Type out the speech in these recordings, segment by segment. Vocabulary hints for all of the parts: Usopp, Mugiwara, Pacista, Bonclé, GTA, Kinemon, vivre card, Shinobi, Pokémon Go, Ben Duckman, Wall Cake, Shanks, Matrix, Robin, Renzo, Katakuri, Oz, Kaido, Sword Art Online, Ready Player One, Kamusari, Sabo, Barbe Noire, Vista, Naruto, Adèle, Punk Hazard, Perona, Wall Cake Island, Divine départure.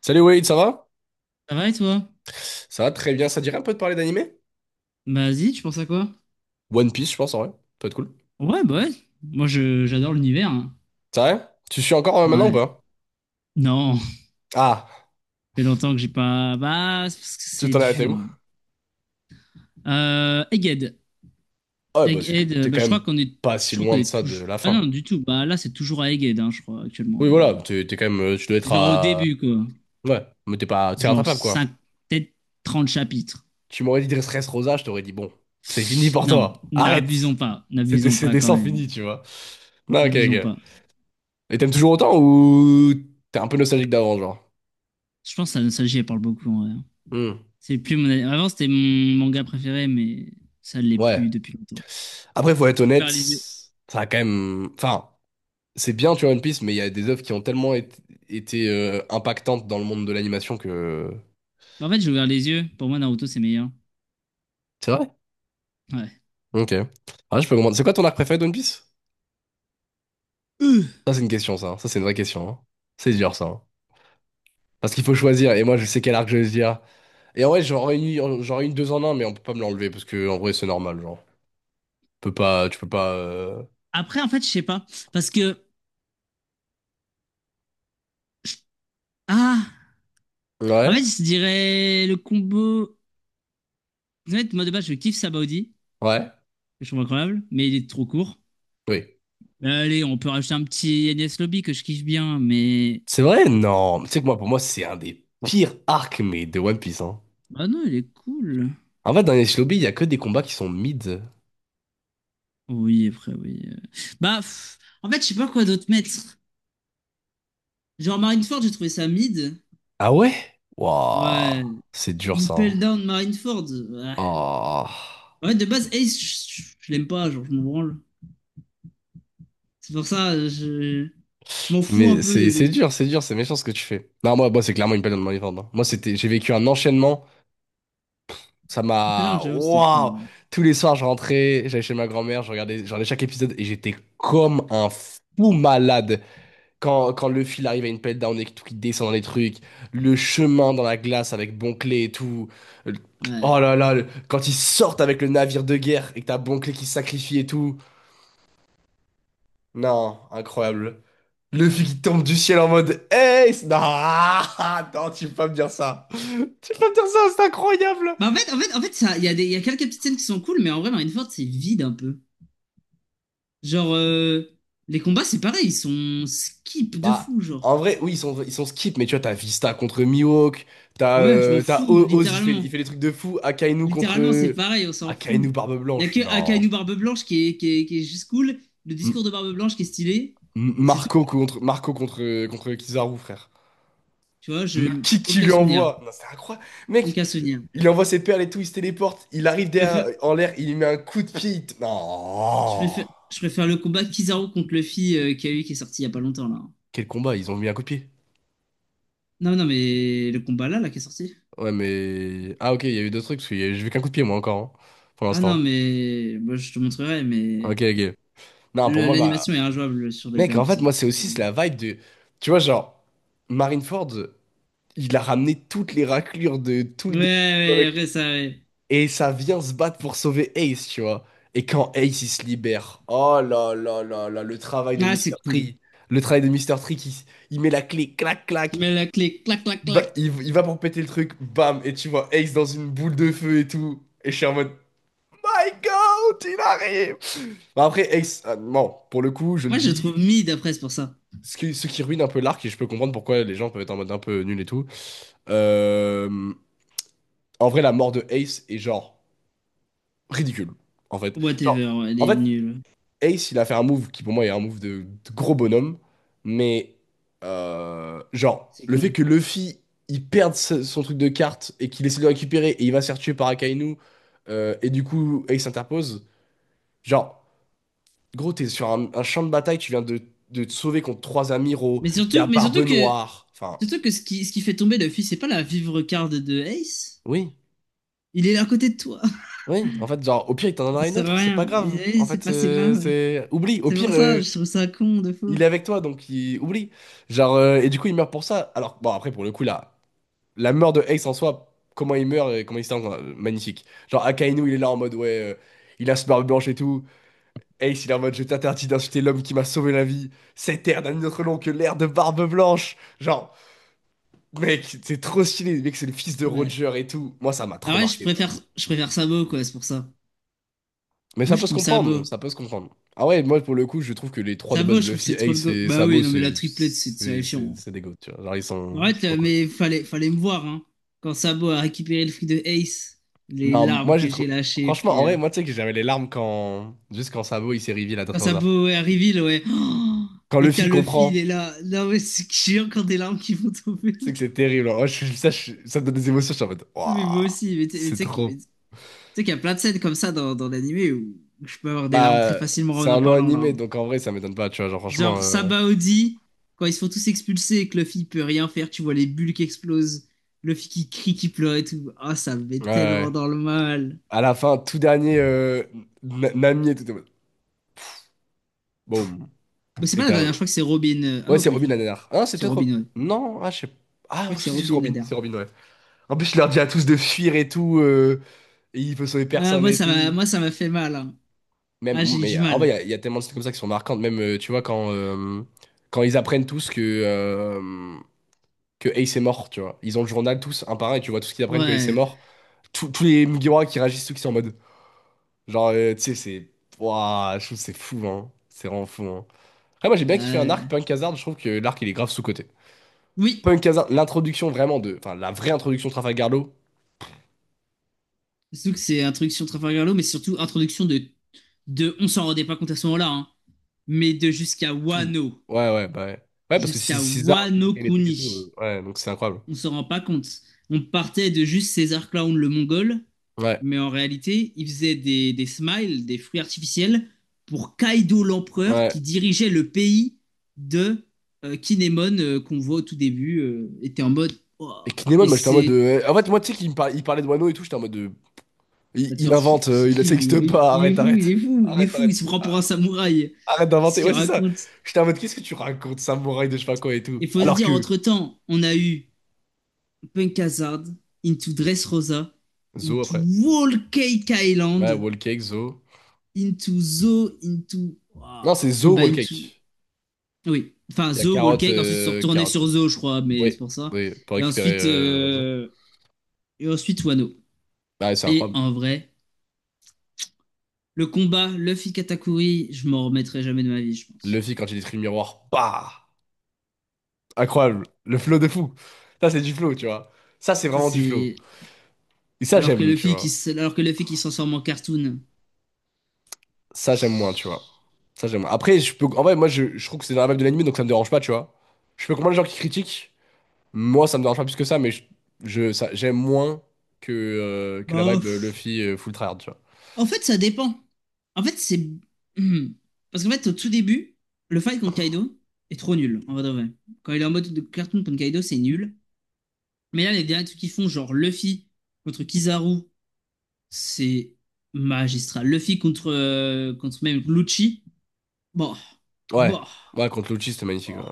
Salut Wade, ça va? Ça va et toi? Ça va très bien, ça te dirait un peu de parler d'animé? Bah vas-y, tu penses à quoi? One Piece, je pense, en vrai. Ça peut être cool. Ouais, bah ouais. Moi, je j'adore l'univers, hein. C'est vrai? Tu suis encore maintenant ou Ouais. pas? Non, ça Ah, fait longtemps que j'ai pas. Bah, c'est parce que tu c'est t'en es arrêté dur, où? hein. Egghead. Ah ouais, bah c'est que Egghead, t'es bah, quand je crois même qu'on est. pas Je si crois qu'on loin de est ça de toujours. la Ah fin. non, du tout. Bah là, c'est toujours à Egghead, hein, je crois, Oui, actuellement. voilà, t'es quand même. Tu dois être Genre au à. début, quoi. Ouais, mais t'es pas. T'es Genre rattrapable, 5, quoi. peut-être 30 chapitres. Tu m'aurais dit Dressrosa, je t'aurais dit bon, c'est fini pour Non, toi. n'abusons Arrête! pas. C'est des, N'abusons c'est pas des quand sangs même. finis, tu vois. Non, ok, N'abusons ok. pas. Et t'aimes toujours autant ou t'es un peu nostalgique d'avant, genre? Je pense que la nostalgie, elle parle beaucoup, ouais. Hmm. C'est plus mon... Avant, c'était mon manga préféré, mais ça l'est plus Ouais. depuis longtemps. Après, faut être J'ai honnête, ouvert les yeux. ça a quand même. Enfin. C'est bien, tu vois, One Piece, mais il y a des œuvres qui ont tellement été impactantes dans le monde de l'animation que... En fait, j'ai ouvert les yeux. Pour moi, Naruto, c'est meilleur. C'est vrai? Ouais. Ok. Ah, je peux comprendre. C'est quoi ton arc préféré de One Piece? Euh. Ça, c'est une question, ça. Ça, c'est une vraie question, hein. C'est dur, ça, hein. Parce qu'il faut choisir, et moi, je sais quel arc je vais dire. Et en vrai, j'en réunis deux en un, mais on peut pas me l'enlever, parce que, en vrai, c'est normal, genre. Tu peux pas... Après, en fait, je sais pas. Parce que... Ah! En Ouais? fait, je dirais le combo... En fait, moi, de base, je kiffe Sabaody. Ouais? Que je trouve incroyable, mais il est trop court. Oui. Mais allez, on peut rajouter un petit Agnès Lobby que je kiffe bien, mais... C'est vrai? Non. Tu sais que moi, pour moi, c'est un des pires arcs, mais de One Piece, hein. Bah non, il est cool. En fait, dans les Shinobi, il y a que des combats qui sont mid. Oui, après, oui. Bah, pff, en fait, je sais pas quoi d'autre mettre. Genre Marineford, j'ai trouvé ça mid. Ah ouais? Waouh, Ouais. c'est dur ça, hein. Impel Down Marineford. Ah. Ah. Ouais, de base, Ace, je l'aime pas, genre, je m'en branle. C'est pour ça, je m'en C'est- fous un Mais peu de c'est lui. dur, c'est dur, c'est méchant ce que tu fais. Non, moi c'est clairement une période de mon, hein. Moi, c'était, j'ai vécu un enchaînement. Ça Impel Down, m'a. j'avoue, c'était cool, Waouh! hein. Tous les soirs, je rentrais, j'allais chez ma grand-mère, je regardais chaque épisode et j'étais comme un fou malade. Quand le fil arrive à une pelle down et que tout qui descend dans les trucs, le chemin dans la glace avec Bonclé et tout. Le- Ouais. Oh là là, le- quand ils sortent avec le navire de guerre et que t'as Bonclé qui se sacrifie et tout. Non, incroyable. Luffy qui tombe du ciel en mode Hey! C'est- Non, non, tu peux pas me dire ça. Tu peux pas me dire ça, c'est incroyable. Bah, en fait, ça, il y a des, il y a quelques petites scènes qui sont cool, mais en vrai, Marineford, c'est vide un peu. Genre, les combats, c'est pareil, ils sont skip de Bah, fou, genre. en vrai, oui, ils sont skip, mais tu vois, t'as Vista contre Mihawk, t'as Ouais, je m'en t'as fous, O- Oz, il fait, il littéralement. fait des trucs de fou. Akainu Littéralement, c'est contre. pareil, on s'en Akainu fout. Barbe Il y a Blanche, que non. Akainu Barbe Blanche qui est juste cool, le M- discours de Barbe Blanche qui est stylé, M- et c'est tout. Marco contre, contre Kizaru, frère. Tu vois, Le je kick qu'il aucun lui souvenir. envoie. Non, c'est incroyable. Mec, Donc à se dire. il envoie ses perles et tout, il se téléporte, il arrive Je derrière, préfère, en l'air, il lui met un coup de pied. Il t- Non! Je préfère le combat Kizaru contre Luffy qu'il y a eu qui est sorti il y a pas longtemps là. Quel combat, ils ont mis un coup de pied. Non, non, mais le combat là, qui est sorti. Ouais, mais. Ah, ok, il y a eu d'autres trucs, parce que y a- j'ai vu qu'un coup de pied, moi, encore, hein, pour Ah non, l'instant. mais bon, je te montrerai, mais Ok, ok. Non, pour moi, bah l'animation est injouable sur les mec, derniers en fait, épisodes. moi, c'est aussi Mais- c'est la vibe de. Tu vois, genre, Marineford, il a ramené toutes les raclures de tout le Ouais, dé- ouais, ouais, ça, ouais. Et ça vient se battre pour sauver Ace, tu vois. Et quand Ace, il se libère, oh là là là là, le travail de Ah, Mister c'est cool. Tree. Le travail de Mister Tree qui il met la clé, clac, Tu clac. mets la clé, clac, clac, Il va, clac. il, il va pour péter le truc, bam. Et tu vois Ace dans une boule de feu et tout. Et je suis en mode, My God, il arrive! Bon, après, Ace, non, pour le coup, je le Moi, je le dis, trouve mid après, c'est pour ça. ce qui ruine un peu l'arc, et je peux comprendre pourquoi les gens peuvent être en mode un peu nul et tout. euh, En vrai, la mort de Ace est genre ridicule, en fait. Genre, Whatever, ouais, elle en est fait, nulle. Ace, il a fait un move qui pour moi est un move de gros bonhomme, mais genre, C'est le fait con. que Luffy, il perde ce- son truc de carte et qu'il essaie de le récupérer et il va se faire tuer par Akainu, et du coup Ace interpose, genre, gros, t'es sur un champ de bataille, tu viens de te sauver contre trois amiraux, Mais il y surtout, a mais Barbe surtout que, Noire, enfin, surtout que ce qui fait tomber Luffy, c'est pas la vivre card de Ace. oui. Il est là à côté de toi. Oui, en fait, genre, au pire, il t'en Ça donnera une sert à autre, c'est pas rien. grave. Et oui, En c'est fait, pas si grave, ouais. c'est. Oublie, au C'est pire, pour ça, je trouve ça con de il fou. est avec toi, donc il... oublie. Genre, et du coup, il meurt pour ça. Alors, bon, après, pour le coup, là, la mort de Ace en soi, comment il meurt et comment il se tend, magnifique. Genre, Akainu, il est là en mode, ouais, il a ce barbe blanche et tout. Ace, il est en mode, je t'interdis d'insulter l'homme qui m'a sauvé la vie. Cette ère n'a autre nom que l'ère de Barbe Blanche. Genre, mec, c'est trop stylé. Mec, c'est le fils de Ouais. Roger et tout. Moi, ça m'a trop Ah ouais, marqué, ça. Je préfère Sabo, quoi, c'est pour ça. Mais ça Moi, je peut se team comprendre, bon, Sabo. ça peut se comprendre. Ah ouais, moi, pour le coup, je trouve que les trois de Sabo, base, je trouve que Luffy, c'est trop le Ace go. et Bah oui, Sabo, non, mais c'est. la triplette, c'est C'est c'est- terrifiant. c'est des goats, tu vois. Genre, ils sont. En C'est fait, trop là, cool. mais fallait me voir, hein. Quand Sabo a récupéré le fruit de Ace, les Non, larmes moi j'ai que j'ai trouvé. lâchées, Franchement, en vrai, frère. moi tu sais que j'avais les larmes quand. Juste quand Sabo il s'est reveal à Quand Dressrosa. Sabo est à Reveal, ouais. Oh Quand et que Luffy t'as Luffy, il comprend, est là. Non, mais c'est que j'ai encore des larmes qui vont tomber c'est là. que c'est terrible. Moi, je suis- ça, je- ça me donne des émotions, je suis en mode. Mais moi Waouh, aussi, mais tu c'est sais que. trop. Tu sais qu'il y a plein de scènes comme ça dans l'animé où je peux avoir des larmes très Bah, facilement c'est en un long parlant là, animé, hein. donc en vrai, ça m'étonne pas, tu vois. Genre, franchement. Genre Sabaody, quand ils se font tous expulser et que Luffy peut rien faire, tu vois les bulles qui explosent, Luffy qui crie, qui pleure et tout. Ah, ça me met Ouais, tellement ouais. dans le mal. À la fin, tout dernier, Na- Nami et tout. T'es en mode, Boum. Bah, c'est Et pas la t'es en dernière, mode, je crois que c'est Robin. Ah Ouais, non, c'est pas du Robin tout. la dernière. Ah, non, c'est C'est peut-être. Rob- Robin, ouais. Non, ah, je sais pas. Je Ah, crois que je c'est sais que Robin la dernière. c'est Robin, ouais. En plus, il leur dit à tous de fuir et tout. Et il peut sauver Ah, personne et tout. moi, ça m'a fait mal, hein. Même, Ah, j'ai eu mais du en vrai, il y, mal. a il y a tellement de scènes comme ça qui sont marquantes. Même, tu vois, quand, quand ils apprennent tous que Ace est mort, tu vois. Ils ont le journal tous, un par un, et tu vois tout ce qu'ils apprennent que Ace est Ouais. mort. Tous les Mugiwara qui réagissent, tous qui sont en mode. Genre, tu sais, c'est. Ouah, je trouve que c'est fou, hein. C'est vraiment fou, hein. Après, moi, j'ai bien kiffé un Euh, arc, Punk Hazard. Je trouve que l'arc, il est grave sous-coté. Oui. Punk Hazard, l'introduction vraiment de. Enfin, la vraie introduction de Trafalgar Law, Surtout que c'est introduction de Trafalgar Law, mais surtout introduction de, on s'en rendait pas compte à ce moment-là, hein, mais de tout. Ouais, ouais, bah ouais. Ouais, parce que c'est jusqu'à César qui Wano crée les trucs et tout. Kuni, Ouais, donc c'est incroyable. on s'en rend pas compte. On partait de juste César Clown le Mongol, Ouais, mais en réalité, il faisait des smiles, des fruits artificiels pour Kaido l'empereur ouais. qui dirigeait le pays de Kinemon qu'on voit au tout début, était en mode Oh Et Kinemon, et moi j'étais en mode. c'est De- En fait, moi tu sais qu'il me parlait, il parlait de Wano et tout, j'étais en mode. De- Il, va te il faire invente, foutre, c'est il, qui ça existe lui? pas, Il est arrête, fou, il arrête. est fou, il est Arrête, fou, il arrête. se prend pour un Ah, samouraï. arrête Qu'est-ce d'inventer, qu'il ouais, c'est ça. raconte? J'étais en mode, qu'est-ce que tu racontes, samouraï de je sais pas quoi et tout. Il faut se Alors dire, que. entre-temps, on a eu Punk Hazard, Into Dressrosa, Zo Into après. Wall Cake Ouais, Island, Wall Cake, Zo. Into Zo, Into... Non, Waouh, c'est Zo bah, Wall into... Cake. Oui, enfin Il y a Zo Wall Cake, ensuite se retourner carotte. sur Zo, je crois, mais Oui, c'est pour ça. oui, pour Et récupérer ensuite, Renzo. euh, et ensuite Wano. Bah, ouais, c'est Et incroyable. en vrai, le combat Luffy Katakuri, je m'en remettrai jamais de ma vie, je pense. Luffy, quand il détruit le miroir, bah! Incroyable. Le flow de fou. Ça, c'est du flow, tu vois. Ça, c'est Ça vraiment du flow. c'est Et ça, j'aime, tu vois. Alors que Luffy qui s'en sort en cartoon. Ça, j'aime moins, tu vois. Ça, j'aime moins. Après, je peux... en vrai, moi, je trouve que c'est dans la vibe de l'anime, donc ça me dérange pas, tu vois. Je peux comprendre les gens qui critiquent. Moi, ça me dérange pas plus que ça, mais j'aime moins que la Bah, vibe pff, Luffy full tryhard, tu vois. en fait, ça dépend. En fait, c'est. Hmm. Parce qu'en fait, au tout début, le fight contre Kaido est trop nul, en vrai de vrai. Quand il est en mode de cartoon contre Kaido, c'est nul. Mais là, les derniers trucs qu'ils font, genre Luffy contre Kizaru, c'est magistral. Luffy contre, contre même Lucci, bon, Ouais. bon, Ouais, contre Lucci, c'était magnifique, bon. ouais.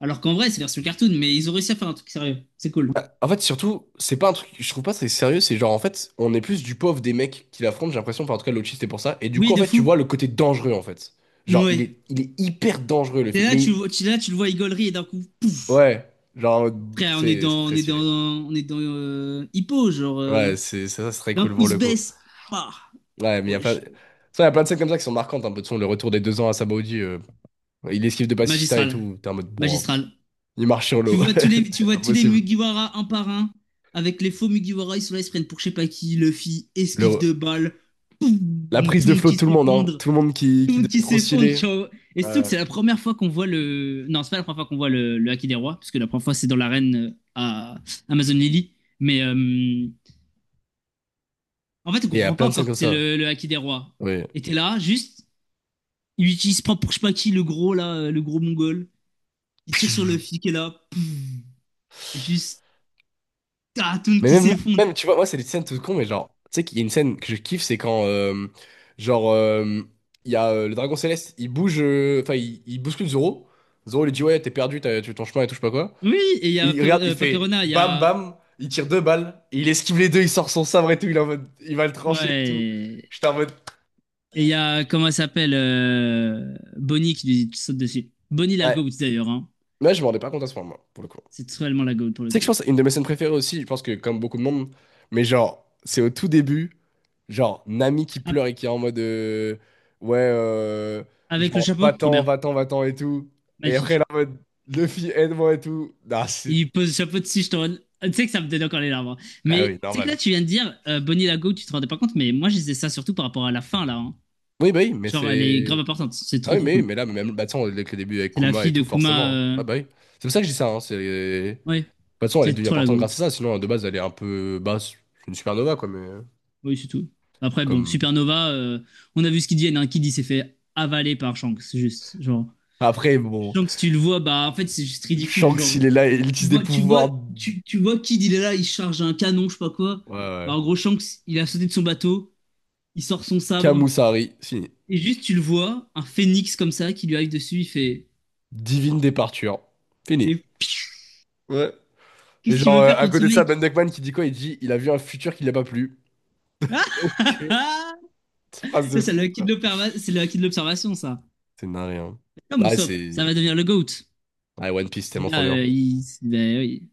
Alors qu'en vrai, c'est version cartoon, mais ils ont réussi à faire un truc sérieux. C'est cool. Bah, en fait, surtout, c'est pas un truc. Je trouve pas c'est sérieux. C'est genre, en fait, on est plus du pauvre des mecs qui l'affrontent, j'ai l'impression. Enfin, en tout cas, Lucci, c'était pour ça. Et du coup, Oui, en de fait, tu fou. vois le côté dangereux, en fait. Genre, il est, Ouais. il est hyper dangereux, le T'es film. là, Mais, tu le vois, il gaulerie et d'un coup, pouf. ouais. Genre, Après, c'est très stylé. on est dans Hippo, genre Ouais, c'est, ça serait d'un cool pour quiz le coup. baisse. Bah, Ouais, mais il y a plein, wesh. ça, il y a plein de scènes comme ça qui sont marquantes, un peu de son, le retour des 2 ans à Sabaody, il esquive de Pacista et Magistral. tout, t'es en mode, bon, Magistral. il marche sur l'eau, Tu c'est vois tous les impossible. Mugiwara un par un. Avec les faux Mugiwara, ils sont là, ils se prennent pour je sais pas qui. Luffy, esquive Le, de balles. Poum, la prise tout le de monde flot de qui tout le monde, hein, s'effondre. tout le monde qui, Tout le qui monde devient qui trop s'effondre, tu stylé. vois. Et surtout que Ouais. c'est la première fois qu'on voit le. Non, c'est pas la première fois qu'on voit le Haki des Rois. Parce que la première fois, c'est dans l'arène à Amazon Lily. Mais en fait, on Et il y a comprend pas plein de scènes encore comme que c'est ça, le Haki des rois. oui. Et t'es là, juste, il utilise pas pour je sais pas qui, le gros là, le gros mongol. Il tire sur le flic et là, pouf, juste, ah, tout Mais qui même, s'effondre. même, tu vois, moi, c'est des scènes tout con, mais genre, tu sais qu'il y a une scène que je kiffe, c'est quand, genre, euh, il y a le dragon céleste, il bouge, enfin, il bouscule Zoro. Zoro lui dit, ouais, t'es perdu, t'as tué ton chemin et tout, je sais pas quoi. Oui, et il y Et a il regarde, il pas fait Perona, il y bam a. bam, il tire deux balles, et il esquive les deux, il sort son sabre et tout, il est en mode, il va le trancher et tout. Ouais. J'étais en mode. Et il y a, comment elle s'appelle Bonnie qui lui saute dessus. Bonnie la Ouais. goat d'ailleurs, hein. Moi, je me rendais pas compte à ce moment, pour le coup. C'est totalement la goat pour Tu le sais que je coup. pense, une de mes scènes préférées aussi, je pense que comme beaucoup de monde, mais genre, c'est au tout début, genre, Nami qui Ah, pleure et qui est en mode, ouais, euh, avec le genre, chapeau, trop va-t'en, bien. va-t'en, va-t'en et tout. Et après, Magnifique. elle est en mode, Luffy, aide-moi et tout. Ah, c'est. Il pose le chapeau de Stone. Tu sais que ça me donne encore les larmes, hein. Ah oui, Mais tu sais que là, normal. tu viens de dire Bonnie Lago, tu te rendais pas compte, mais moi, je disais ça surtout par rapport à la fin, là, hein. Oui, bah oui, mais Genre, elle est grave c'est. importante. C'est Ah trop, trop oui, cool. mais là, même, bah, tu sais, on- avec le début avec C'est la Kuma fille et de tout, Kuma. forcément, hein. Ah bah oui. C'est pour ça que je dis ça. Hein, c'est... De Ouais, toute façon, elle est c'est devenue trop la importante GOAT. grâce à ça. Sinon, de base, elle est un peu. Basse, c'est une supernova, quoi. Mais. Oui, c'est tout. Après, bon, Comme. Supernova, on a vu ce qu'ils disent. Hein. Kid, il s'est fait avaler par Shanks, c'est juste. Genre, Après, bon. Shanks, tu le vois, bah, en fait, c'est juste ridicule. Shanks, Genre, il est là et il tu utilise des vois, tu vois, pouvoirs. D- tu, tu vois Kid, il est là, il charge un canon, je sais pas quoi. Ouais, Bah, ouais. en gros, Shanks, il a sauté de son bateau, il sort son sabre, Kamusari, fini. et juste, tu le vois, un phénix comme ça qui lui arrive dessus, il fait Divine départure. Fini. et Ouais. Et qu'est-ce que tu genre, veux faire à contre ce côté de ça, mec? Ben Duckman qui dit quoi? Il dit il a vu un futur qui n'a pas plu. Ok. Ah Cette phrase ça, de c'est le fou, acquis frère. de l'observa- c'est le acquis de l'observation, ça. C'est narré, hein. Comme Ah, Usopp, ça c'est. va devenir le GOAT. Ah, One Piece, c'est Et tellement trop là, bien. Il... ben oui.